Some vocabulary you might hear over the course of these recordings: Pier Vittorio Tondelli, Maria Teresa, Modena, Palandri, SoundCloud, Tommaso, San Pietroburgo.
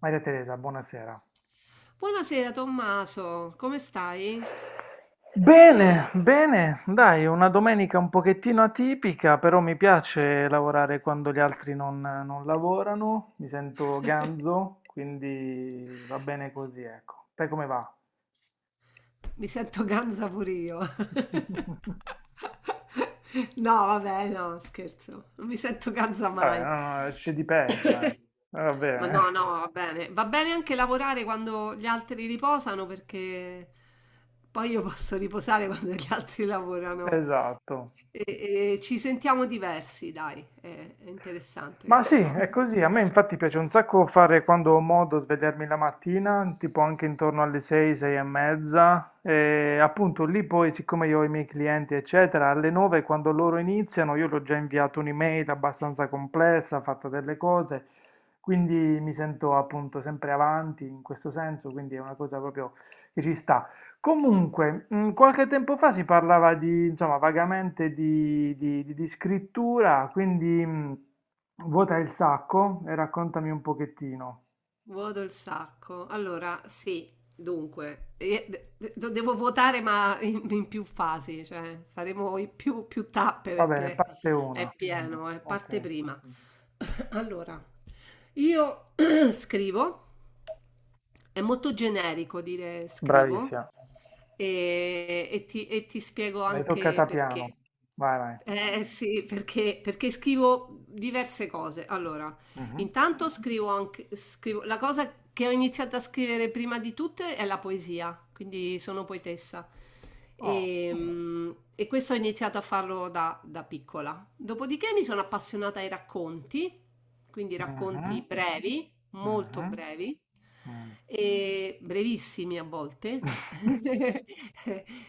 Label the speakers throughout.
Speaker 1: Maria Teresa, buonasera.
Speaker 2: Buonasera Tommaso, come stai?
Speaker 1: Bene, bene, dai, una domenica un pochettino atipica, però mi piace lavorare quando gli altri non lavorano, mi sento ganzo, quindi va bene così, ecco. Te come va?
Speaker 2: Mi sento ganza pure io. No, vabbè, no, scherzo, non mi sento ganza
Speaker 1: Vabbè,
Speaker 2: mai.
Speaker 1: no, no, c'è di peggio, eh. Va
Speaker 2: Ma
Speaker 1: bene,
Speaker 2: no, no, va bene. Va bene anche lavorare quando gli altri riposano perché poi io posso riposare quando gli altri lavorano.
Speaker 1: esatto.
Speaker 2: E, e ci sentiamo diversi, dai, è interessante
Speaker 1: Ma sì,
Speaker 2: questa cosa.
Speaker 1: è così. A me infatti piace un sacco fare quando ho modo svegliarmi la mattina, tipo anche intorno alle 6, 6 e mezza. E appunto lì poi, siccome io ho i miei clienti, eccetera, alle 9 quando loro iniziano, io l'ho già inviato un'email abbastanza complessa, fatta delle cose, quindi mi sento appunto sempre avanti in questo senso, quindi è una cosa proprio che ci sta. Comunque, qualche tempo fa si parlava di, insomma, vagamente di scrittura, quindi vuota il sacco e raccontami un pochettino.
Speaker 2: Voto il sacco. Allora, sì, dunque, devo votare ma in più fasi, cioè faremo i più tappe
Speaker 1: Va bene,
Speaker 2: perché
Speaker 1: parte una.
Speaker 2: è pieno, è
Speaker 1: Ok,
Speaker 2: parte prima. Allora, io scrivo, è molto generico dire scrivo,
Speaker 1: bravissima.
Speaker 2: e ti spiego
Speaker 1: L'hai
Speaker 2: anche
Speaker 1: toccata
Speaker 2: perché.
Speaker 1: piano. Vai, vai.
Speaker 2: Eh sì, perché scrivo diverse cose. Allora,
Speaker 1: Mhm.
Speaker 2: intanto scrivo, la cosa che ho iniziato a scrivere prima di tutte è la poesia, quindi sono poetessa.
Speaker 1: Oh.
Speaker 2: E questo ho iniziato a farlo da piccola. Dopodiché mi sono appassionata ai racconti, quindi racconti
Speaker 1: Mhm,
Speaker 2: brevi, molto
Speaker 1: mhm,
Speaker 2: brevi
Speaker 1: mm.
Speaker 2: e brevissimi a volte.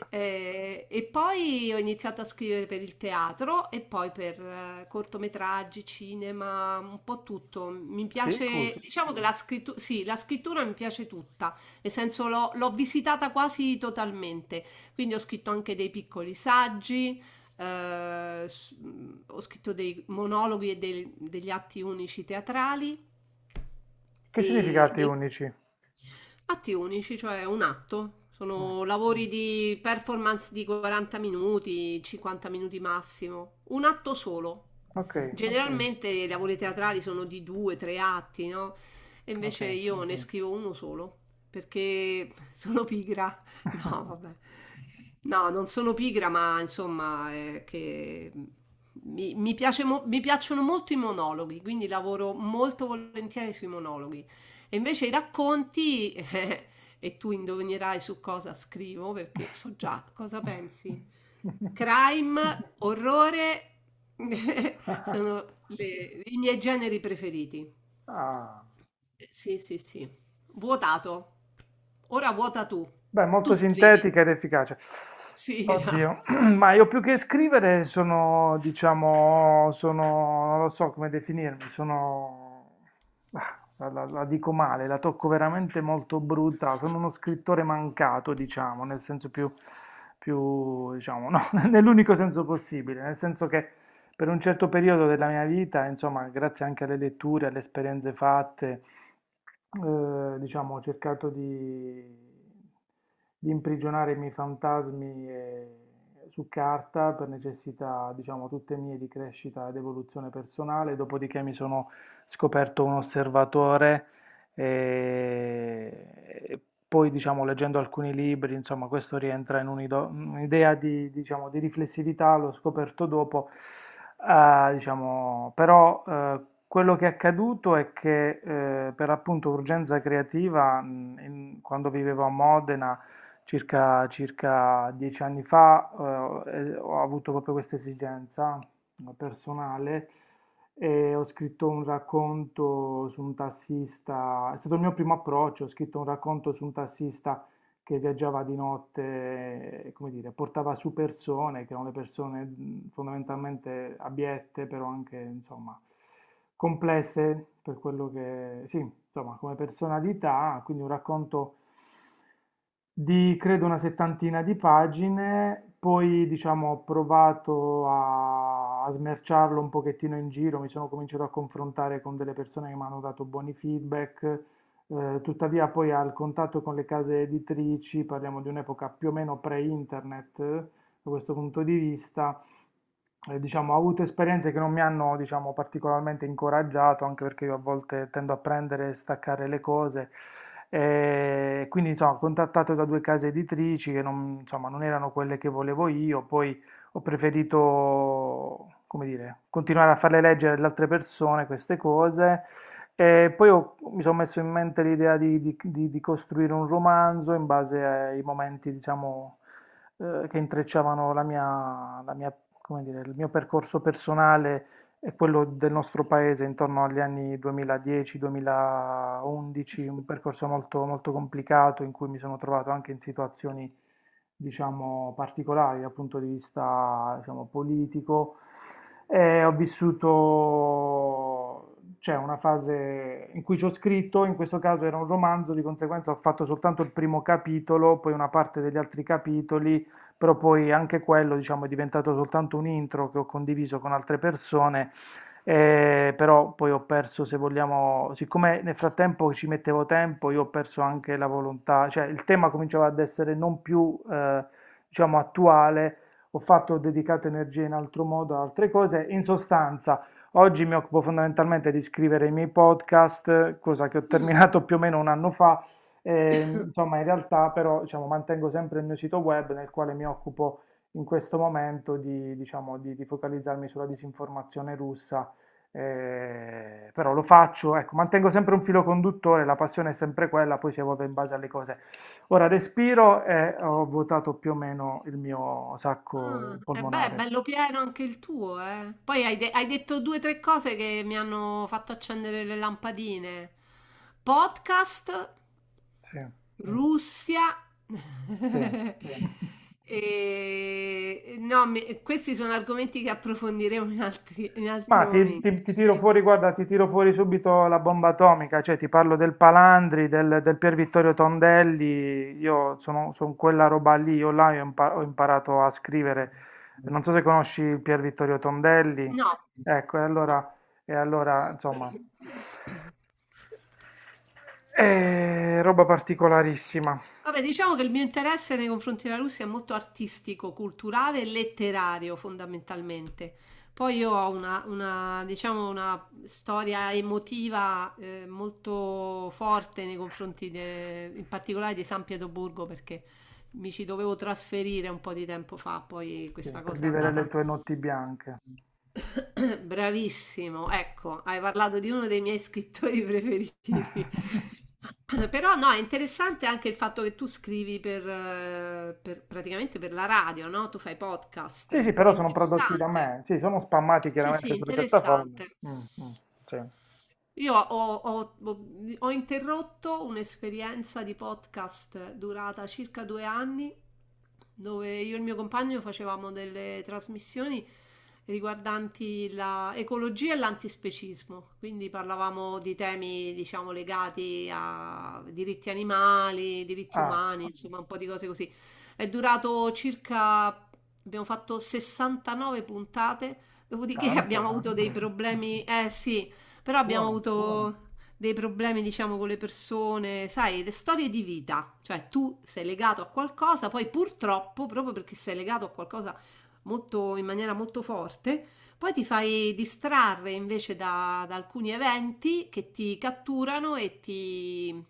Speaker 2: E poi ho iniziato a scrivere per il teatro e poi per cortometraggi, cinema, un po' tutto. Mi
Speaker 1: Ficus.
Speaker 2: piace, diciamo che la scrittura, sì, la scrittura mi piace tutta, nel senso l'ho visitata quasi totalmente. Quindi ho scritto anche dei piccoli saggi, eh, s- ho scritto dei monologhi e degli atti unici teatrali.
Speaker 1: Che
Speaker 2: E,
Speaker 1: significati
Speaker 2: e
Speaker 1: unici?
Speaker 2: atti unici, cioè un atto.
Speaker 1: Mm.
Speaker 2: Sono lavori di performance di 40 minuti, 50 minuti massimo. Un atto solo.
Speaker 1: Ok,
Speaker 2: Generalmente, okay, i lavori teatrali sono di due, tre atti, no? E invece
Speaker 1: ok.
Speaker 2: io, okay, ne, mhm, scrivo uno solo perché sono pigra. No, vabbè. No, non sono pigra, ma insomma, che mi piacciono molto i monologhi, quindi lavoro molto volentieri sui monologhi. E invece i racconti, e tu indovinerai su cosa scrivo, perché so già cosa pensi. Crime, orrore, sono i miei generi preferiti.
Speaker 1: Ah.
Speaker 2: Sì, sì, sì. Vuotato. Ora vuota tu.
Speaker 1: Beh,
Speaker 2: Tu
Speaker 1: molto
Speaker 2: scrivi.
Speaker 1: sintetica ed efficace.
Speaker 2: Sì,
Speaker 1: Oddio, ma io più che scrivere sono, diciamo, sono, non lo so come definirmi, sono, ah, la dico male, la tocco veramente molto brutta, sono uno scrittore mancato, diciamo, nel senso più, più, diciamo, no, nell'unico senso possibile, nel senso che per un certo periodo della mia vita, insomma, grazie anche alle letture, alle esperienze fatte, diciamo, ho cercato di imprigionare i miei fantasmi su carta per necessità, diciamo, tutte mie di crescita ed evoluzione personale, dopodiché mi sono scoperto un osservatore e poi, diciamo, leggendo alcuni libri, insomma, questo rientra in un'idea di, diciamo, di riflessività, l'ho scoperto dopo. Ah, diciamo, però quello che è accaduto è che per appunto urgenza creativa, quando vivevo a Modena circa 10 anni fa, ho avuto proprio questa esigenza personale e ho scritto un racconto su un tassista, è stato il mio primo approccio, ho scritto un racconto su un tassista che viaggiava di notte, e, come dire, portava su persone, che erano le persone fondamentalmente abiette, però anche, insomma, complesse per quello che, sì, insomma, come personalità, quindi un racconto di credo una settantina di pagine, poi diciamo ho provato a smerciarlo un pochettino in giro, mi sono cominciato a confrontare con delle persone che mi hanno dato buoni feedback, tuttavia poi al contatto con le case editrici, parliamo di un'epoca più o meno pre-internet da questo punto di vista, diciamo, ho avuto esperienze che non mi hanno, diciamo, particolarmente incoraggiato, anche perché io a volte tendo a prendere e staccare le cose. E quindi, insomma, ho contattato da due case editrici che non, insomma, non erano quelle che volevo io, poi ho preferito, come dire, continuare a farle leggere ad altre persone queste cose. E poi mi sono messo in mente l'idea di costruire un romanzo in base ai momenti, diciamo che intrecciavano la mia come dire, il mio percorso personale e quello del nostro paese intorno agli anni 2010, 2011, un percorso molto, molto complicato in cui mi sono trovato anche in situazioni, diciamo, particolari dal punto di vista, diciamo, politico. E ho vissuto cioè una fase in cui ci ho scritto, in questo caso era un romanzo, di conseguenza ho fatto soltanto il primo capitolo, poi una parte degli altri capitoli, però poi anche quello, diciamo, è diventato soltanto un intro che ho condiviso con altre persone, però poi ho perso, se vogliamo, siccome nel frattempo ci mettevo tempo, io ho perso anche la volontà, cioè il tema cominciava ad essere non più, diciamo, attuale, ho fatto, ho dedicato energie in altro modo a altre cose, in sostanza... Oggi mi occupo fondamentalmente di scrivere i miei podcast, cosa che ho
Speaker 2: no.
Speaker 1: terminato più o meno un anno fa, e, insomma, in realtà però diciamo, mantengo sempre il mio sito web nel quale mi occupo in questo momento di, diciamo, di- di- focalizzarmi sulla disinformazione russa, però lo faccio, ecco, mantengo sempre un filo conduttore, la passione è sempre quella, poi si evolve in base alle cose. Ora respiro e ho votato più o meno il mio sacco
Speaker 2: Ah, e beh, è
Speaker 1: polmonare.
Speaker 2: bello pieno anche il tuo, eh. Poi hai detto due o tre cose che mi hanno fatto accendere le lampadine. Podcast,
Speaker 1: Sì,
Speaker 2: mm, Russia.
Speaker 1: sì.
Speaker 2: Mm. No, questi sono argomenti che approfondiremo in altri, in
Speaker 1: Ma
Speaker 2: altri
Speaker 1: ti, ti-
Speaker 2: momenti.
Speaker 1: ti tiro
Speaker 2: Perché.
Speaker 1: fuori, guarda, ti tiro fuori subito la bomba atomica, cioè ti parlo del Palandri, del Pier Vittorio Tondelli, io sono, son quella roba lì, io là ho imparato a scrivere, non so se conosci il Pier Vittorio Tondelli,
Speaker 2: No,
Speaker 1: ecco, e
Speaker 2: no.
Speaker 1: allora, e allora insomma, è roba particolarissima,
Speaker 2: Vabbè, diciamo che il mio interesse nei confronti della Russia è molto artistico, culturale e letterario fondamentalmente. Poi io ho una, diciamo, una storia emotiva molto forte nei confronti in particolare di San Pietroburgo perché mi ci dovevo trasferire un po' di tempo fa, poi
Speaker 1: sì,
Speaker 2: questa
Speaker 1: per
Speaker 2: cosa è
Speaker 1: vivere le
Speaker 2: andata.
Speaker 1: tue notti bianche.
Speaker 2: Bravissimo, ecco, hai parlato di uno dei miei scrittori preferiti. Però no, è interessante anche il fatto che tu scrivi per, praticamente per la radio, no? Tu fai
Speaker 1: Sì, sì,
Speaker 2: podcast. È
Speaker 1: però sono prodotti da
Speaker 2: interessante.
Speaker 1: me, sì, sono spammati
Speaker 2: Sì, sì,
Speaker 1: chiaramente sulle piattaforme.
Speaker 2: interessante.
Speaker 1: Mm, mm, sì.
Speaker 2: Io ho interrotto un'esperienza di podcast durata circa 2 anni, dove io e il mio compagno facevamo delle trasmissioni riguardanti l'ecologia e l'antispecismo, quindi parlavamo di temi, diciamo, legati a diritti animali, diritti
Speaker 1: Ah.
Speaker 2: umani, insomma, un po' di cose così. È durato circa, abbiamo fatto 69 puntate, dopodiché abbiamo
Speaker 1: Tanto,
Speaker 2: avuto dei, tanto, problemi, eh sì. Però abbiamo
Speaker 1: buono.
Speaker 2: avuto, buono, dei problemi, diciamo, con le persone, sai, le storie di vita. Cioè, tu sei legato a qualcosa, poi purtroppo, proprio perché sei legato a qualcosa molto, in maniera molto forte, poi ti fai distrarre invece da alcuni eventi che ti catturano e ti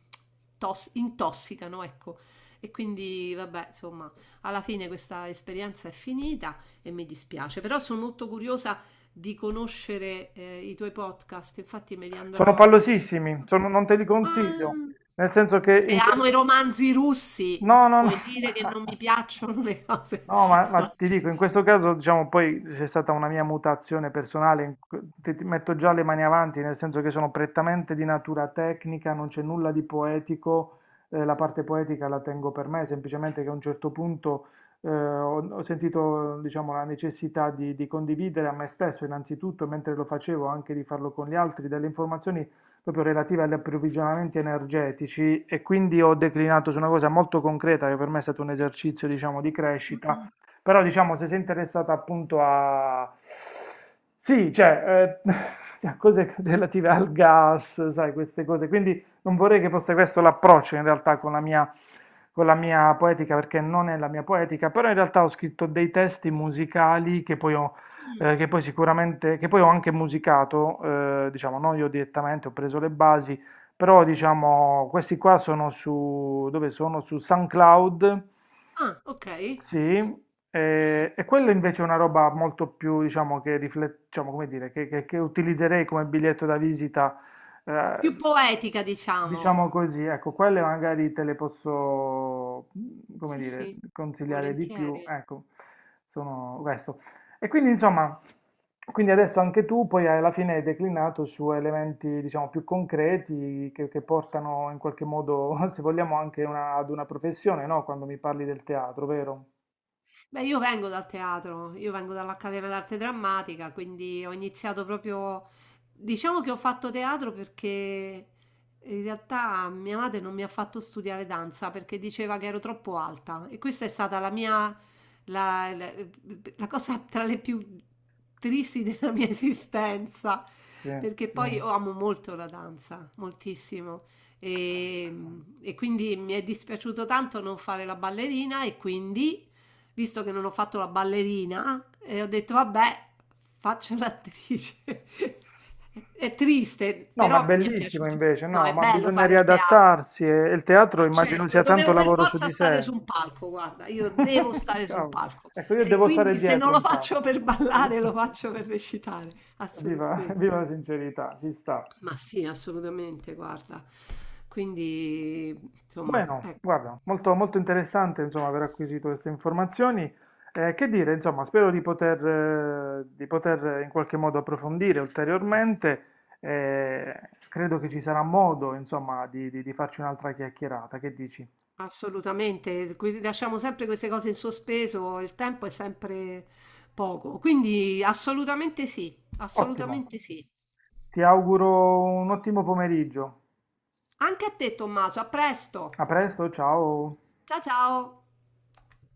Speaker 2: intossicano, ecco. E quindi, vabbè, insomma, alla fine questa esperienza è finita e mi dispiace, però sono molto curiosa di conoscere i tuoi podcast, infatti me li
Speaker 1: Sono
Speaker 2: andrò ad ascoltare.
Speaker 1: pallosissimi, non te li
Speaker 2: Ma
Speaker 1: consiglio, nel senso che
Speaker 2: se
Speaker 1: in
Speaker 2: amo i
Speaker 1: questo...
Speaker 2: romanzi russi,
Speaker 1: No, no, no.
Speaker 2: puoi dire che non mi piacciono le cose.
Speaker 1: No, ma ti dico, in questo caso, diciamo, poi c'è stata una mia mutazione personale, ti metto già le mani avanti, nel senso che sono prettamente di natura tecnica, non c'è nulla di poetico, la parte poetica la tengo per me, semplicemente che a un certo punto ho sentito, diciamo, la necessità di condividere a me stesso, innanzitutto, e mentre lo facevo, anche di farlo con gli altri, delle informazioni proprio relative agli approvvigionamenti energetici e quindi ho declinato su una cosa molto concreta che per me è stato un esercizio, diciamo, di crescita, però diciamo se sei interessato appunto a... Sì, cioè, cioè, cose relative al gas, sai, queste cose. Quindi non vorrei che fosse questo l'approccio in realtà con la mia poetica, perché non è la mia poetica, però in realtà ho scritto dei testi musicali che poi ho,
Speaker 2: Mm.
Speaker 1: che poi sicuramente, che poi ho anche musicato, diciamo, non io direttamente, ho preso le basi, però diciamo, questi qua sono su, dove sono? Su SoundCloud,
Speaker 2: Ah, ok.
Speaker 1: sì, e quello invece è una roba molto più, diciamo, che, diciamo, come dire, che, che utilizzerei come biglietto da visita,
Speaker 2: Più
Speaker 1: eh,
Speaker 2: poetica,
Speaker 1: diciamo
Speaker 2: diciamo.
Speaker 1: così, ecco, quelle magari te le posso, come
Speaker 2: Sì,
Speaker 1: dire,
Speaker 2: sì,
Speaker 1: consigliare di più,
Speaker 2: volentieri.
Speaker 1: ecco, sono questo. E quindi, insomma, quindi adesso anche tu poi alla fine hai declinato su elementi, diciamo, più concreti che, portano in qualche modo, se vogliamo, anche ad una professione, no? Quando mi parli del teatro, vero?
Speaker 2: Beh, io vengo dal teatro, io vengo dall'Accademia d'Arte Drammatica, quindi ho iniziato proprio. Diciamo che ho fatto teatro perché in realtà mia madre non mi ha fatto studiare danza perché diceva che ero troppo alta e questa è stata la mia. la, la- la cosa tra le più tristi della mia esistenza,
Speaker 1: Sì.
Speaker 2: perché poi, mm, io amo molto la danza, moltissimo. E, e quindi mi è dispiaciuto tanto non fare la ballerina e quindi visto che non ho fatto la ballerina, e ho detto vabbè, faccio l'attrice. È triste,
Speaker 1: No, ma è
Speaker 2: però mi è
Speaker 1: bellissimo
Speaker 2: piaciuto.
Speaker 1: invece,
Speaker 2: No,
Speaker 1: no,
Speaker 2: è
Speaker 1: ma
Speaker 2: bello
Speaker 1: bisogna
Speaker 2: fare il teatro,
Speaker 1: riadattarsi e il teatro
Speaker 2: ma
Speaker 1: immagino
Speaker 2: certo,
Speaker 1: sia tanto
Speaker 2: dovevo per
Speaker 1: lavoro su
Speaker 2: forza
Speaker 1: di
Speaker 2: stare
Speaker 1: sé.
Speaker 2: su un palco, guarda, io devo stare su un
Speaker 1: Cavolo.
Speaker 2: palco.
Speaker 1: Ecco, io
Speaker 2: E
Speaker 1: devo stare
Speaker 2: quindi se non
Speaker 1: dietro
Speaker 2: lo
Speaker 1: un po'.
Speaker 2: faccio per
Speaker 1: Devo-
Speaker 2: ballare, lo faccio per recitare,
Speaker 1: Viva,
Speaker 2: assolutamente.
Speaker 1: viva la sincerità, ci sta.
Speaker 2: Ma sì, assolutamente, guarda. Quindi, insomma,
Speaker 1: Bueno,
Speaker 2: ecco.
Speaker 1: guarda, molto, molto interessante insomma aver acquisito queste informazioni. Che dire, insomma, spero di poter in qualche modo approfondire ulteriormente. eh, Credo che ci sarà modo, insomma, di di farci un'altra chiacchierata. Che dici?
Speaker 2: Assolutamente, lasciamo sempre queste cose in sospeso, il tempo è sempre poco, quindi assolutamente sì,
Speaker 1: Ottimo,
Speaker 2: assolutamente sì.
Speaker 1: ti auguro un ottimo pomeriggio.
Speaker 2: Anche a te, Tommaso, a
Speaker 1: A
Speaker 2: presto.
Speaker 1: presto, ciao.
Speaker 2: Ciao ciao.